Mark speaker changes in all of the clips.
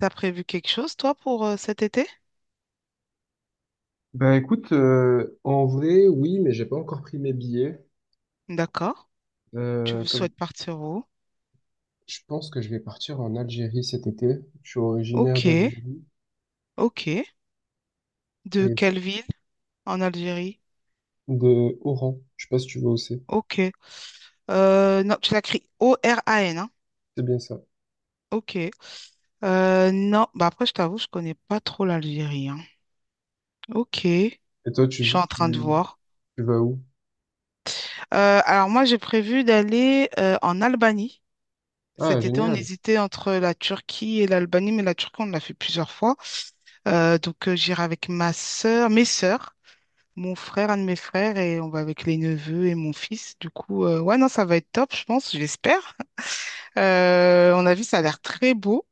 Speaker 1: T'as prévu quelque chose, toi, pour cet été?
Speaker 2: Bah écoute, en vrai, oui, mais j'ai pas encore pris mes billets.
Speaker 1: D'accord. Tu
Speaker 2: Comme
Speaker 1: souhaites partir où?
Speaker 2: Je pense que je vais partir en Algérie cet été. Je suis originaire
Speaker 1: Ok,
Speaker 2: d'Algérie
Speaker 1: ok. De
Speaker 2: et
Speaker 1: quelle ville en Algérie?
Speaker 2: de Oran. Je sais pas si tu vas où c'est.
Speaker 1: Ok. Non, tu l'écris O-R-A-N, hein?
Speaker 2: C'est bien ça.
Speaker 1: Ok. Non, bah après, je t'avoue, je connais pas trop l'Algérie, hein. Ok. Je
Speaker 2: Et toi,
Speaker 1: suis en train de
Speaker 2: tu,
Speaker 1: voir.
Speaker 2: tu vas où?
Speaker 1: Alors moi, j'ai prévu d'aller en Albanie.
Speaker 2: Ah,
Speaker 1: Cet été, on
Speaker 2: génial.
Speaker 1: hésitait entre la Turquie et l'Albanie, mais la Turquie, on l'a fait plusieurs fois. Donc, j'irai avec ma sœur, mes sœurs. Mon frère, un de mes frères, et on va avec les neveux et mon fils. Du coup, ouais, non, ça va être top, je pense, j'espère. On a vu, ça a l'air très beau.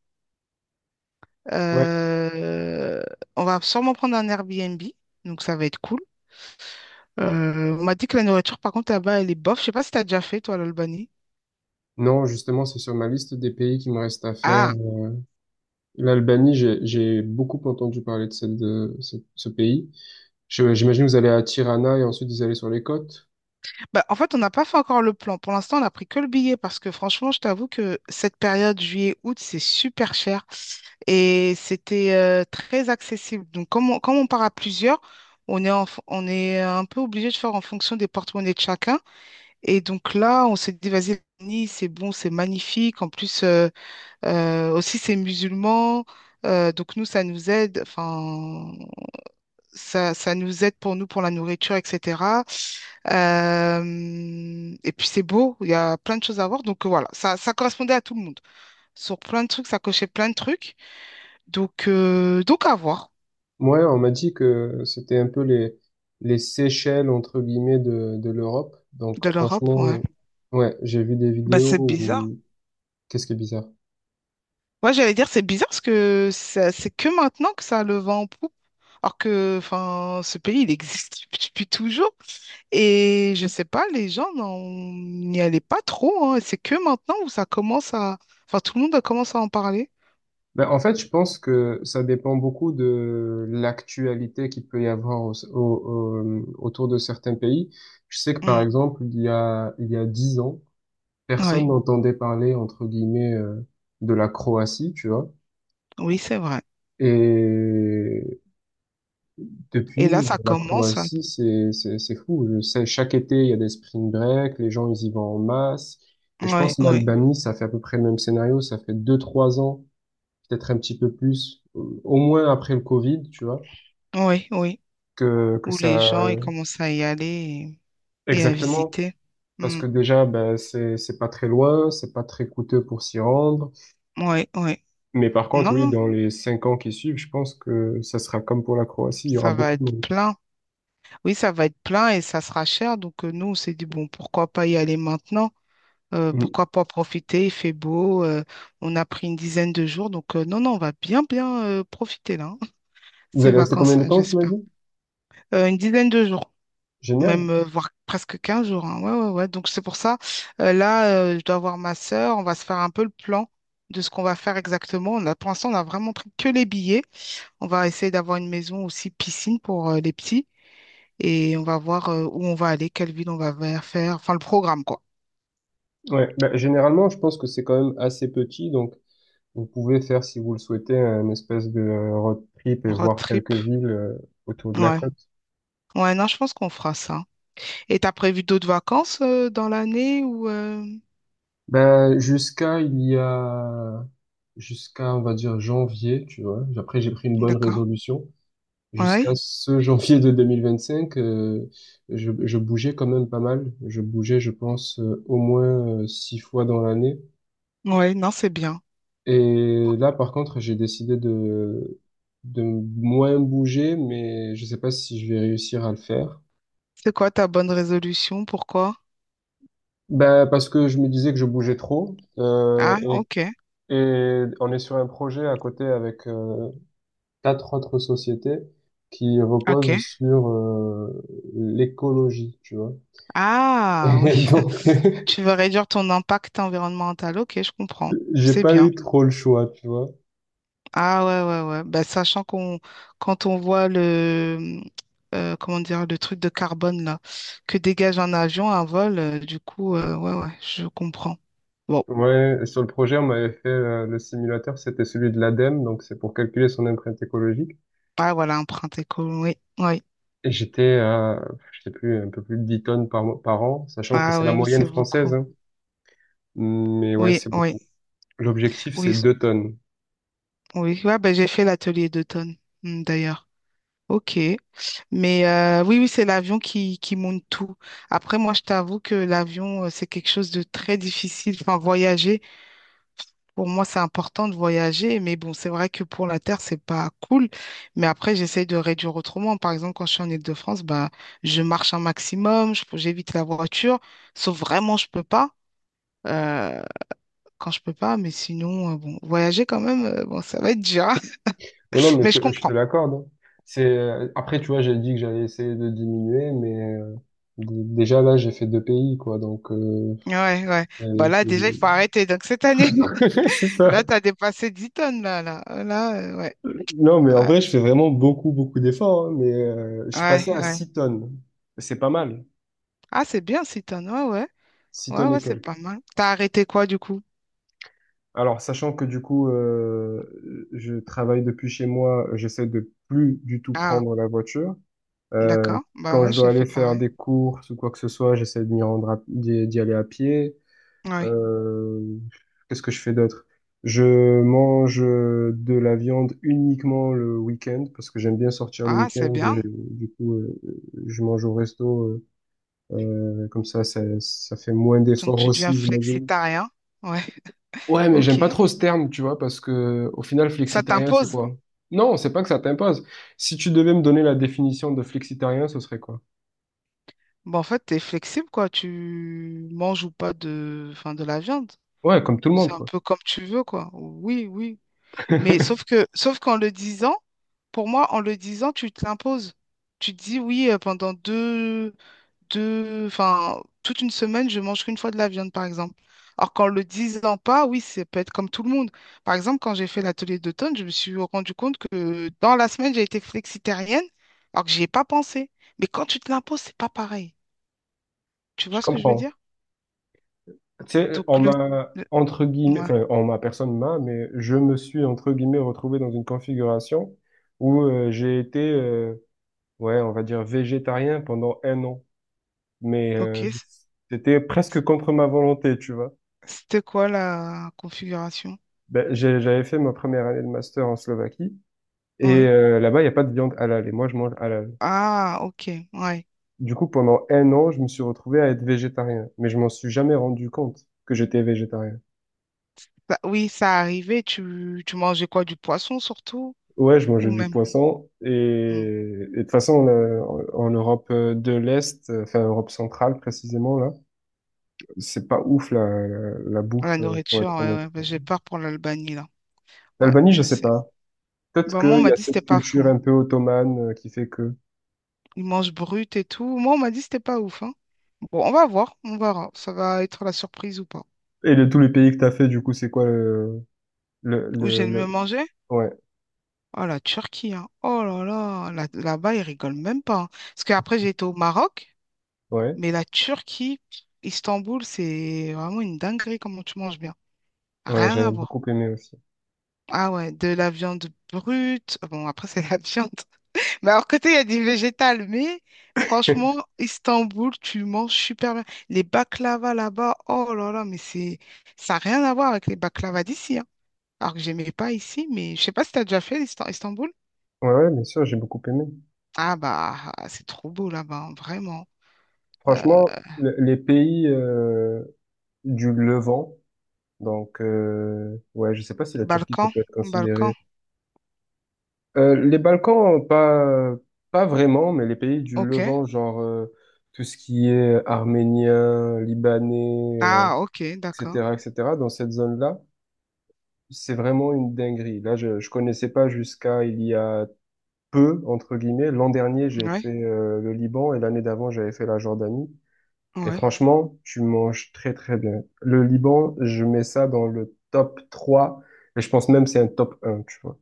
Speaker 2: Ouais.
Speaker 1: Euh, on va sûrement prendre un Airbnb, donc ça va être cool. On m'a dit que la nourriture, par contre, là-bas, elle est bof. Je sais pas si t'as déjà fait, toi, l'Albanie.
Speaker 2: Non, justement, c'est sur ma liste des pays qui me reste à faire.
Speaker 1: Ah,
Speaker 2: L'Albanie, j'ai beaucoup entendu parler de ce pays. J'imagine vous allez à Tirana et ensuite vous allez sur les côtes.
Speaker 1: bah, en fait, on n'a pas fait encore le plan. Pour l'instant, on a pris que le billet parce que franchement, je t'avoue que cette période juillet-août, c'est super cher. Et c'était très accessible. Donc, comme on part à plusieurs, on est un peu obligé de faire en fonction des porte-monnaies de chacun. Et donc là, on s'est dit, vas-y, Nice, c'est bon, c'est magnifique. En plus, aussi, c'est musulman. Donc nous, ça nous aide, enfin, ça nous aide pour nous, pour la nourriture, etc. Et puis c'est beau, il y a plein de choses à voir. Donc voilà, ça correspondait à tout le monde. Sur plein de trucs, ça cochait plein de trucs. Donc à voir.
Speaker 2: Ouais, on m'a dit que c'était un peu les Seychelles, entre guillemets, de l'Europe. Donc,
Speaker 1: De l'Europe, ouais.
Speaker 2: franchement, ouais, j'ai vu des
Speaker 1: Bah,
Speaker 2: vidéos
Speaker 1: c'est bizarre.
Speaker 2: où… Qu'est-ce qui est bizarre?
Speaker 1: Ouais, j'allais dire, c'est bizarre parce que c'est que maintenant que ça a le vent en poupe. Alors que, enfin, ce pays, il existe depuis toujours. Et je sais pas, les gens n'y allaient pas trop, hein. C'est que maintenant où ça commence à Enfin, tout le monde commence à en parler.
Speaker 2: Ben, en fait, je pense que ça dépend beaucoup de l'actualité qu'il peut y avoir autour de certains pays. Je sais que, par
Speaker 1: Mm.
Speaker 2: exemple, il y a 10 ans, personne
Speaker 1: Ouais.
Speaker 2: n'entendait parler, entre guillemets, de la Croatie, tu vois.
Speaker 1: Oui, c'est vrai.
Speaker 2: Et
Speaker 1: Et là,
Speaker 2: depuis,
Speaker 1: ça
Speaker 2: la
Speaker 1: commence à
Speaker 2: Croatie, c'est fou. Je sais, chaque été, il y a des spring break, les gens, ils y vont en masse. Et je pense
Speaker 1: Ouais,
Speaker 2: que
Speaker 1: ouais.
Speaker 2: l'Albanie, ça fait à peu près le même scénario. Ça fait deux, trois ans, peut-être un petit peu plus, au moins après le Covid, tu vois,
Speaker 1: Oui, oui.
Speaker 2: que
Speaker 1: Où
Speaker 2: ça,
Speaker 1: les gens, ils commencent à y aller et à
Speaker 2: exactement.
Speaker 1: visiter.
Speaker 2: Parce
Speaker 1: Mm.
Speaker 2: que déjà, ben, c'est pas très loin, c'est pas très coûteux pour s'y rendre.
Speaker 1: Ouais, ouais.
Speaker 2: Mais par contre,
Speaker 1: Non,
Speaker 2: oui,
Speaker 1: non,
Speaker 2: dans les 5 ans qui suivent, je pense que ça sera comme pour la Croatie, il y aura
Speaker 1: ça va
Speaker 2: beaucoup de
Speaker 1: être
Speaker 2: monde.
Speaker 1: plein. Oui, ça va être plein et ça sera cher. Donc, nous, on s'est dit, bon, pourquoi pas y aller maintenant?
Speaker 2: Mm.
Speaker 1: Pourquoi pas profiter? Il fait beau. On a pris une dizaine de jours. Donc, non, non, on va bien, bien, profiter là, hein.
Speaker 2: Vous
Speaker 1: Ces
Speaker 2: allez rester combien de
Speaker 1: vacances-là,
Speaker 2: temps, tu m'as
Speaker 1: j'espère.
Speaker 2: dit?
Speaker 1: Une dizaine de jours, même,
Speaker 2: Génial.
Speaker 1: voire presque 15 jours, hein. Ouais, ouais, ouais. Donc, c'est pour ça. Là, je dois voir ma sœur. On va se faire un peu le plan de ce qu'on va faire exactement. Pour l'instant, on a vraiment pris que les billets. On va essayer d'avoir une maison aussi piscine pour les petits et on va voir où on va aller, quelle ville on va faire, enfin le programme quoi.
Speaker 2: Ouais. Bah, généralement, je pense que c'est quand même assez petit, donc vous pouvez faire, si vous le souhaitez, un espèce de road trip et
Speaker 1: Road
Speaker 2: voir quelques
Speaker 1: trip,
Speaker 2: villes autour de la
Speaker 1: ouais.
Speaker 2: côte.
Speaker 1: Ouais, non, je pense qu'on fera ça. Et t'as prévu d'autres vacances dans l'année ou
Speaker 2: Ben jusqu'à il y a, jusqu'à, on va dire, janvier, tu vois. Après, j'ai pris une bonne
Speaker 1: D'accord.
Speaker 2: résolution. Jusqu'à
Speaker 1: Ouais,
Speaker 2: ce janvier de 2025, je bougeais quand même pas mal. Je bougeais, je pense, au moins six fois dans l'année.
Speaker 1: ouais, non, c'est bien.
Speaker 2: Et là, par contre, j'ai décidé de moins bouger, mais je sais pas si je vais réussir à le faire.
Speaker 1: C'est quoi ta bonne résolution? Pourquoi?
Speaker 2: Ben, parce que je me disais que je bougeais trop. Euh,
Speaker 1: Ah, ok,
Speaker 2: et, et on est sur un projet à côté avec quatre autres sociétés qui
Speaker 1: ok.
Speaker 2: reposent sur l'écologie, tu vois.
Speaker 1: Ah,
Speaker 2: Et
Speaker 1: oui.
Speaker 2: donc,
Speaker 1: Tu veux réduire ton impact environnemental. Ok, je comprends.
Speaker 2: j'ai
Speaker 1: C'est
Speaker 2: pas
Speaker 1: bien.
Speaker 2: eu trop le choix, tu vois.
Speaker 1: Ah ouais, ouais, ouais. Bah, sachant qu'on quand on voit le comment dire le truc de carbone là que dégage un avion, un vol, du coup, ouais, ouais, je comprends. Bon,
Speaker 2: Ouais, sur le projet, on m'avait fait le simulateur, c'était celui de l'ADEME, donc c'est pour calculer son empreinte écologique.
Speaker 1: ah voilà, empreinte écolo, oui, oui.
Speaker 2: Et j'étais à, je sais plus, un peu plus de 10 tonnes par an, sachant que
Speaker 1: Ah
Speaker 2: c'est la
Speaker 1: oui, oui,
Speaker 2: moyenne
Speaker 1: c'est
Speaker 2: française,
Speaker 1: beaucoup.
Speaker 2: hein. Mais ouais,
Speaker 1: Oui,
Speaker 2: c'est
Speaker 1: oui,
Speaker 2: beaucoup. L'objectif,
Speaker 1: oui,
Speaker 2: c'est 2 tonnes.
Speaker 1: oui. Ouais, bah, j'ai fait l'atelier d'automne, d'ailleurs. Ok. Mais oui, oui, c'est l'avion qui monte tout. Après, moi, je t'avoue que l'avion, c'est quelque chose de très difficile. Enfin, voyager. Pour moi, c'est important de voyager, mais bon, c'est vrai que pour la Terre, c'est pas cool. Mais après, j'essaye de réduire autrement. Par exemple, quand je suis en Île-de-France, bah, je marche un maximum, j'évite la voiture, sauf vraiment, je peux pas. euh, quand je peux pas, mais sinon, bon, voyager quand même, bon, ça va être dur, hein.
Speaker 2: Non, non, mais
Speaker 1: Mais je
Speaker 2: je te
Speaker 1: comprends.
Speaker 2: l'accorde, hein. Après, tu vois, j'ai dit que j'allais essayer de diminuer, mais déjà là, j'ai fait deux pays, quoi. Donc
Speaker 1: Ouais, ouais. Bah là,
Speaker 2: c'est
Speaker 1: déjà, il faut arrêter. Donc cette année,
Speaker 2: C'est ça.
Speaker 1: là, t'as dépassé 10 tonnes, là, là. Là, ouais.
Speaker 2: Non, mais en
Speaker 1: Ouais,
Speaker 2: vrai, je fais vraiment beaucoup, beaucoup d'efforts, hein, mais je suis
Speaker 1: ouais,
Speaker 2: passé à
Speaker 1: ouais.
Speaker 2: 6 tonnes. C'est pas mal,
Speaker 1: Ah, c'est bien, 6 tonnes. Ouais, ouais.
Speaker 2: 6
Speaker 1: Ouais,
Speaker 2: tonnes
Speaker 1: ouais,
Speaker 2: et
Speaker 1: c'est pas
Speaker 2: quelques.
Speaker 1: mal. T'as arrêté quoi, du coup?
Speaker 2: Alors, sachant que du coup, je travaille depuis chez moi, j'essaie de plus du tout
Speaker 1: Ah.
Speaker 2: prendre la voiture. Euh,
Speaker 1: D'accord. Bah
Speaker 2: Quand
Speaker 1: ouais,
Speaker 2: je dois
Speaker 1: j'ai fait
Speaker 2: aller faire
Speaker 1: pareil.
Speaker 2: des courses ou quoi que ce soit, j'essaie de m'y rendre d'y aller à pied.
Speaker 1: Ouais.
Speaker 2: Euh, Qu'est-ce que je fais d'autre? Je mange de la viande uniquement le week-end parce que j'aime bien sortir le
Speaker 1: Ah, c'est
Speaker 2: week-end. Et,
Speaker 1: bien.
Speaker 2: du coup, je mange au resto. Comme ça, ça fait moins
Speaker 1: Donc
Speaker 2: d'efforts
Speaker 1: tu deviens
Speaker 2: aussi, j'imagine.
Speaker 1: flexitarien. Ouais.
Speaker 2: Ouais, mais j'aime
Speaker 1: Ok.
Speaker 2: pas trop ce terme, tu vois, parce que au final,
Speaker 1: Ça
Speaker 2: flexitarien, c'est
Speaker 1: t'impose.
Speaker 2: quoi? Non, c'est pas que ça t'impose. Si tu devais me donner la définition de flexitarien, ce serait quoi?
Speaker 1: Bon, en fait, t'es flexible, quoi. Tu manges ou pas de, enfin, de la viande.
Speaker 2: Ouais, comme tout le monde,
Speaker 1: C'est un
Speaker 2: quoi.
Speaker 1: peu comme tu veux, quoi. Oui, oui. Mais sauf qu'en le disant, pour moi, en le disant, tu te l'imposes. Tu te dis oui pendant enfin, toute une semaine, je mange qu'une fois de la viande, par exemple. Alors qu'en le disant pas, oui, ça peut être comme tout le monde. Par exemple, quand j'ai fait l'atelier d'automne, je me suis rendu compte que dans la semaine, j'ai été flexitarienne, alors que j'y ai pas pensé. Mais quand tu te l'imposes, c'est pas pareil. Tu
Speaker 2: Je
Speaker 1: vois ce que je veux
Speaker 2: comprends.
Speaker 1: dire?
Speaker 2: Tu sais,
Speaker 1: Donc,
Speaker 2: on m'a,
Speaker 1: le-
Speaker 2: entre guillemets,
Speaker 1: ouais,
Speaker 2: enfin, on m'a, personne m'a, mais je me suis, entre guillemets, retrouvé dans une configuration où j'ai été, ouais, on va dire, végétarien pendant un an. Mais
Speaker 1: ok.
Speaker 2: c'était presque
Speaker 1: C-
Speaker 2: contre ma volonté, tu vois.
Speaker 1: C'était quoi la configuration?
Speaker 2: Ben, j'avais fait ma première année de master en Slovaquie et
Speaker 1: Oui.
Speaker 2: là-bas, il n'y a pas de viande halal et moi, je mange halal.
Speaker 1: Ah, ok, ouais.
Speaker 2: Du coup, pendant un an, je me suis retrouvé à être végétarien, mais je m'en suis jamais rendu compte que j'étais végétarien.
Speaker 1: Oui, ça arrivait. Tu mangeais quoi? Du poisson surtout?
Speaker 2: Ouais, je
Speaker 1: Ou
Speaker 2: mangeais du
Speaker 1: même.
Speaker 2: poisson et,
Speaker 1: Hmm.
Speaker 2: et de toute façon en Europe de l'Est, enfin Europe centrale précisément là, c'est pas ouf la
Speaker 1: La
Speaker 2: bouffe pour
Speaker 1: nourriture,
Speaker 2: être
Speaker 1: ouais,
Speaker 2: honnête.
Speaker 1: ouais. Bah, j'ai peur pour l'Albanie, là. Ouais,
Speaker 2: L'Albanie, je
Speaker 1: je
Speaker 2: sais
Speaker 1: sais.
Speaker 2: pas. Peut-être
Speaker 1: Bah, moi, on
Speaker 2: qu'il y
Speaker 1: m'a
Speaker 2: a
Speaker 1: dit que c'était
Speaker 2: cette
Speaker 1: pas
Speaker 2: culture
Speaker 1: fou.
Speaker 2: un peu ottomane qui fait que
Speaker 1: Ils mangent brut et tout. Moi, on m'a dit que c'était pas ouf, hein. Bon, on va voir, on verra. Ça va être la surprise ou pas.
Speaker 2: et de tous les pays que t'as fait, du coup c'est quoi le le
Speaker 1: Où
Speaker 2: le,
Speaker 1: j'ai le mieux
Speaker 2: le-
Speaker 1: mangé?
Speaker 2: Ouais,
Speaker 1: Oh, la Turquie, hein. Oh là là, là-bas, ils rigolent même pas, hein. Parce qu'après, j'ai été au Maroc,
Speaker 2: ouais,
Speaker 1: mais la Turquie, Istanbul, c'est vraiment une dinguerie comment tu manges bien.
Speaker 2: ouais,
Speaker 1: Rien à
Speaker 2: j'avais
Speaker 1: voir.
Speaker 2: beaucoup aimé aussi.
Speaker 1: Ah ouais, de la viande brute. Bon, après, c'est la viande. Mais alors, côté, il y a du végétal, mais franchement, Istanbul, tu manges super bien. Les baklava là-bas, oh là là, mais c'est ça n'a rien à voir avec les baklava d'ici, hein. Alors que j'aimais pas ici, mais je sais pas si tu as déjà fait Istanbul.
Speaker 2: Ouais, ouais, bien sûr, j'ai beaucoup aimé.
Speaker 1: Ah bah, ah, c'est trop beau là-bas, hein, vraiment. Euh,
Speaker 2: Franchement, les pays du Levant. Donc, ouais, je sais pas si la Turquie, ça
Speaker 1: Balkan,
Speaker 2: peut être
Speaker 1: Balkan,
Speaker 2: considéré. Les Balkans, pas vraiment, mais les pays du
Speaker 1: ok.
Speaker 2: Levant, genre tout ce qui est arménien, libanais,
Speaker 1: Ah, ok, d'accord.
Speaker 2: etc., etc., dans cette zone-là, c'est vraiment une dinguerie. Là, je connaissais pas jusqu'à il y a peu, entre guillemets. L'an dernier, j'ai
Speaker 1: Ouais,
Speaker 2: fait le Liban et l'année d'avant, j'avais fait la Jordanie. Et
Speaker 1: ouais.
Speaker 2: franchement, tu manges très très bien. Le Liban, je mets ça dans le top 3, et je pense même c'est un top un, tu vois.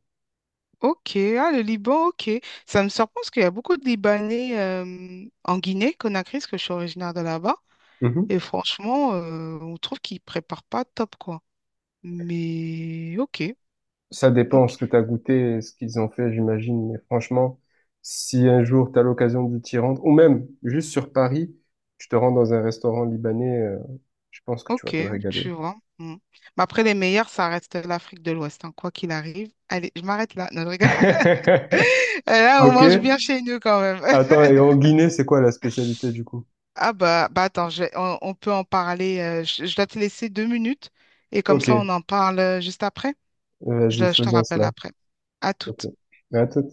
Speaker 1: Ok, ah, le Liban, ok. Ça me surprend parce qu'il y a beaucoup de Libanais en Guinée, Conakry, parce que je suis originaire de là-bas.
Speaker 2: Mhm.
Speaker 1: Et franchement, on trouve qu'ils préparent pas top, quoi. Mais ok,
Speaker 2: Ça dépend
Speaker 1: ok,
Speaker 2: ce que tu as goûté, et ce qu'ils ont fait, j'imagine. Mais franchement, si un jour tu as l'occasion de t'y rendre, ou même juste sur Paris, tu te rends dans un restaurant libanais, je pense que tu vas
Speaker 1: ok,
Speaker 2: te
Speaker 1: tu
Speaker 2: régaler.
Speaker 1: vois. Mm. Mais après, les meilleurs, ça reste l'Afrique de l'Ouest, hein, quoi qu'il arrive. Allez, je m'arrête là. Non, je rigole. Là, on
Speaker 2: Ok.
Speaker 1: mange bien chez nous quand même.
Speaker 2: Attends, et en Guinée, c'est quoi la spécialité du coup?
Speaker 1: Ah bah, bah attends, on peut en parler. Je dois te laisser 2 minutes et comme ça,
Speaker 2: Ok,
Speaker 1: on en parle juste après. Je,
Speaker 2: vas-y,
Speaker 1: je te
Speaker 2: faisons
Speaker 1: rappelle
Speaker 2: cela.
Speaker 1: après. À
Speaker 2: Ok.
Speaker 1: toutes.
Speaker 2: À tout.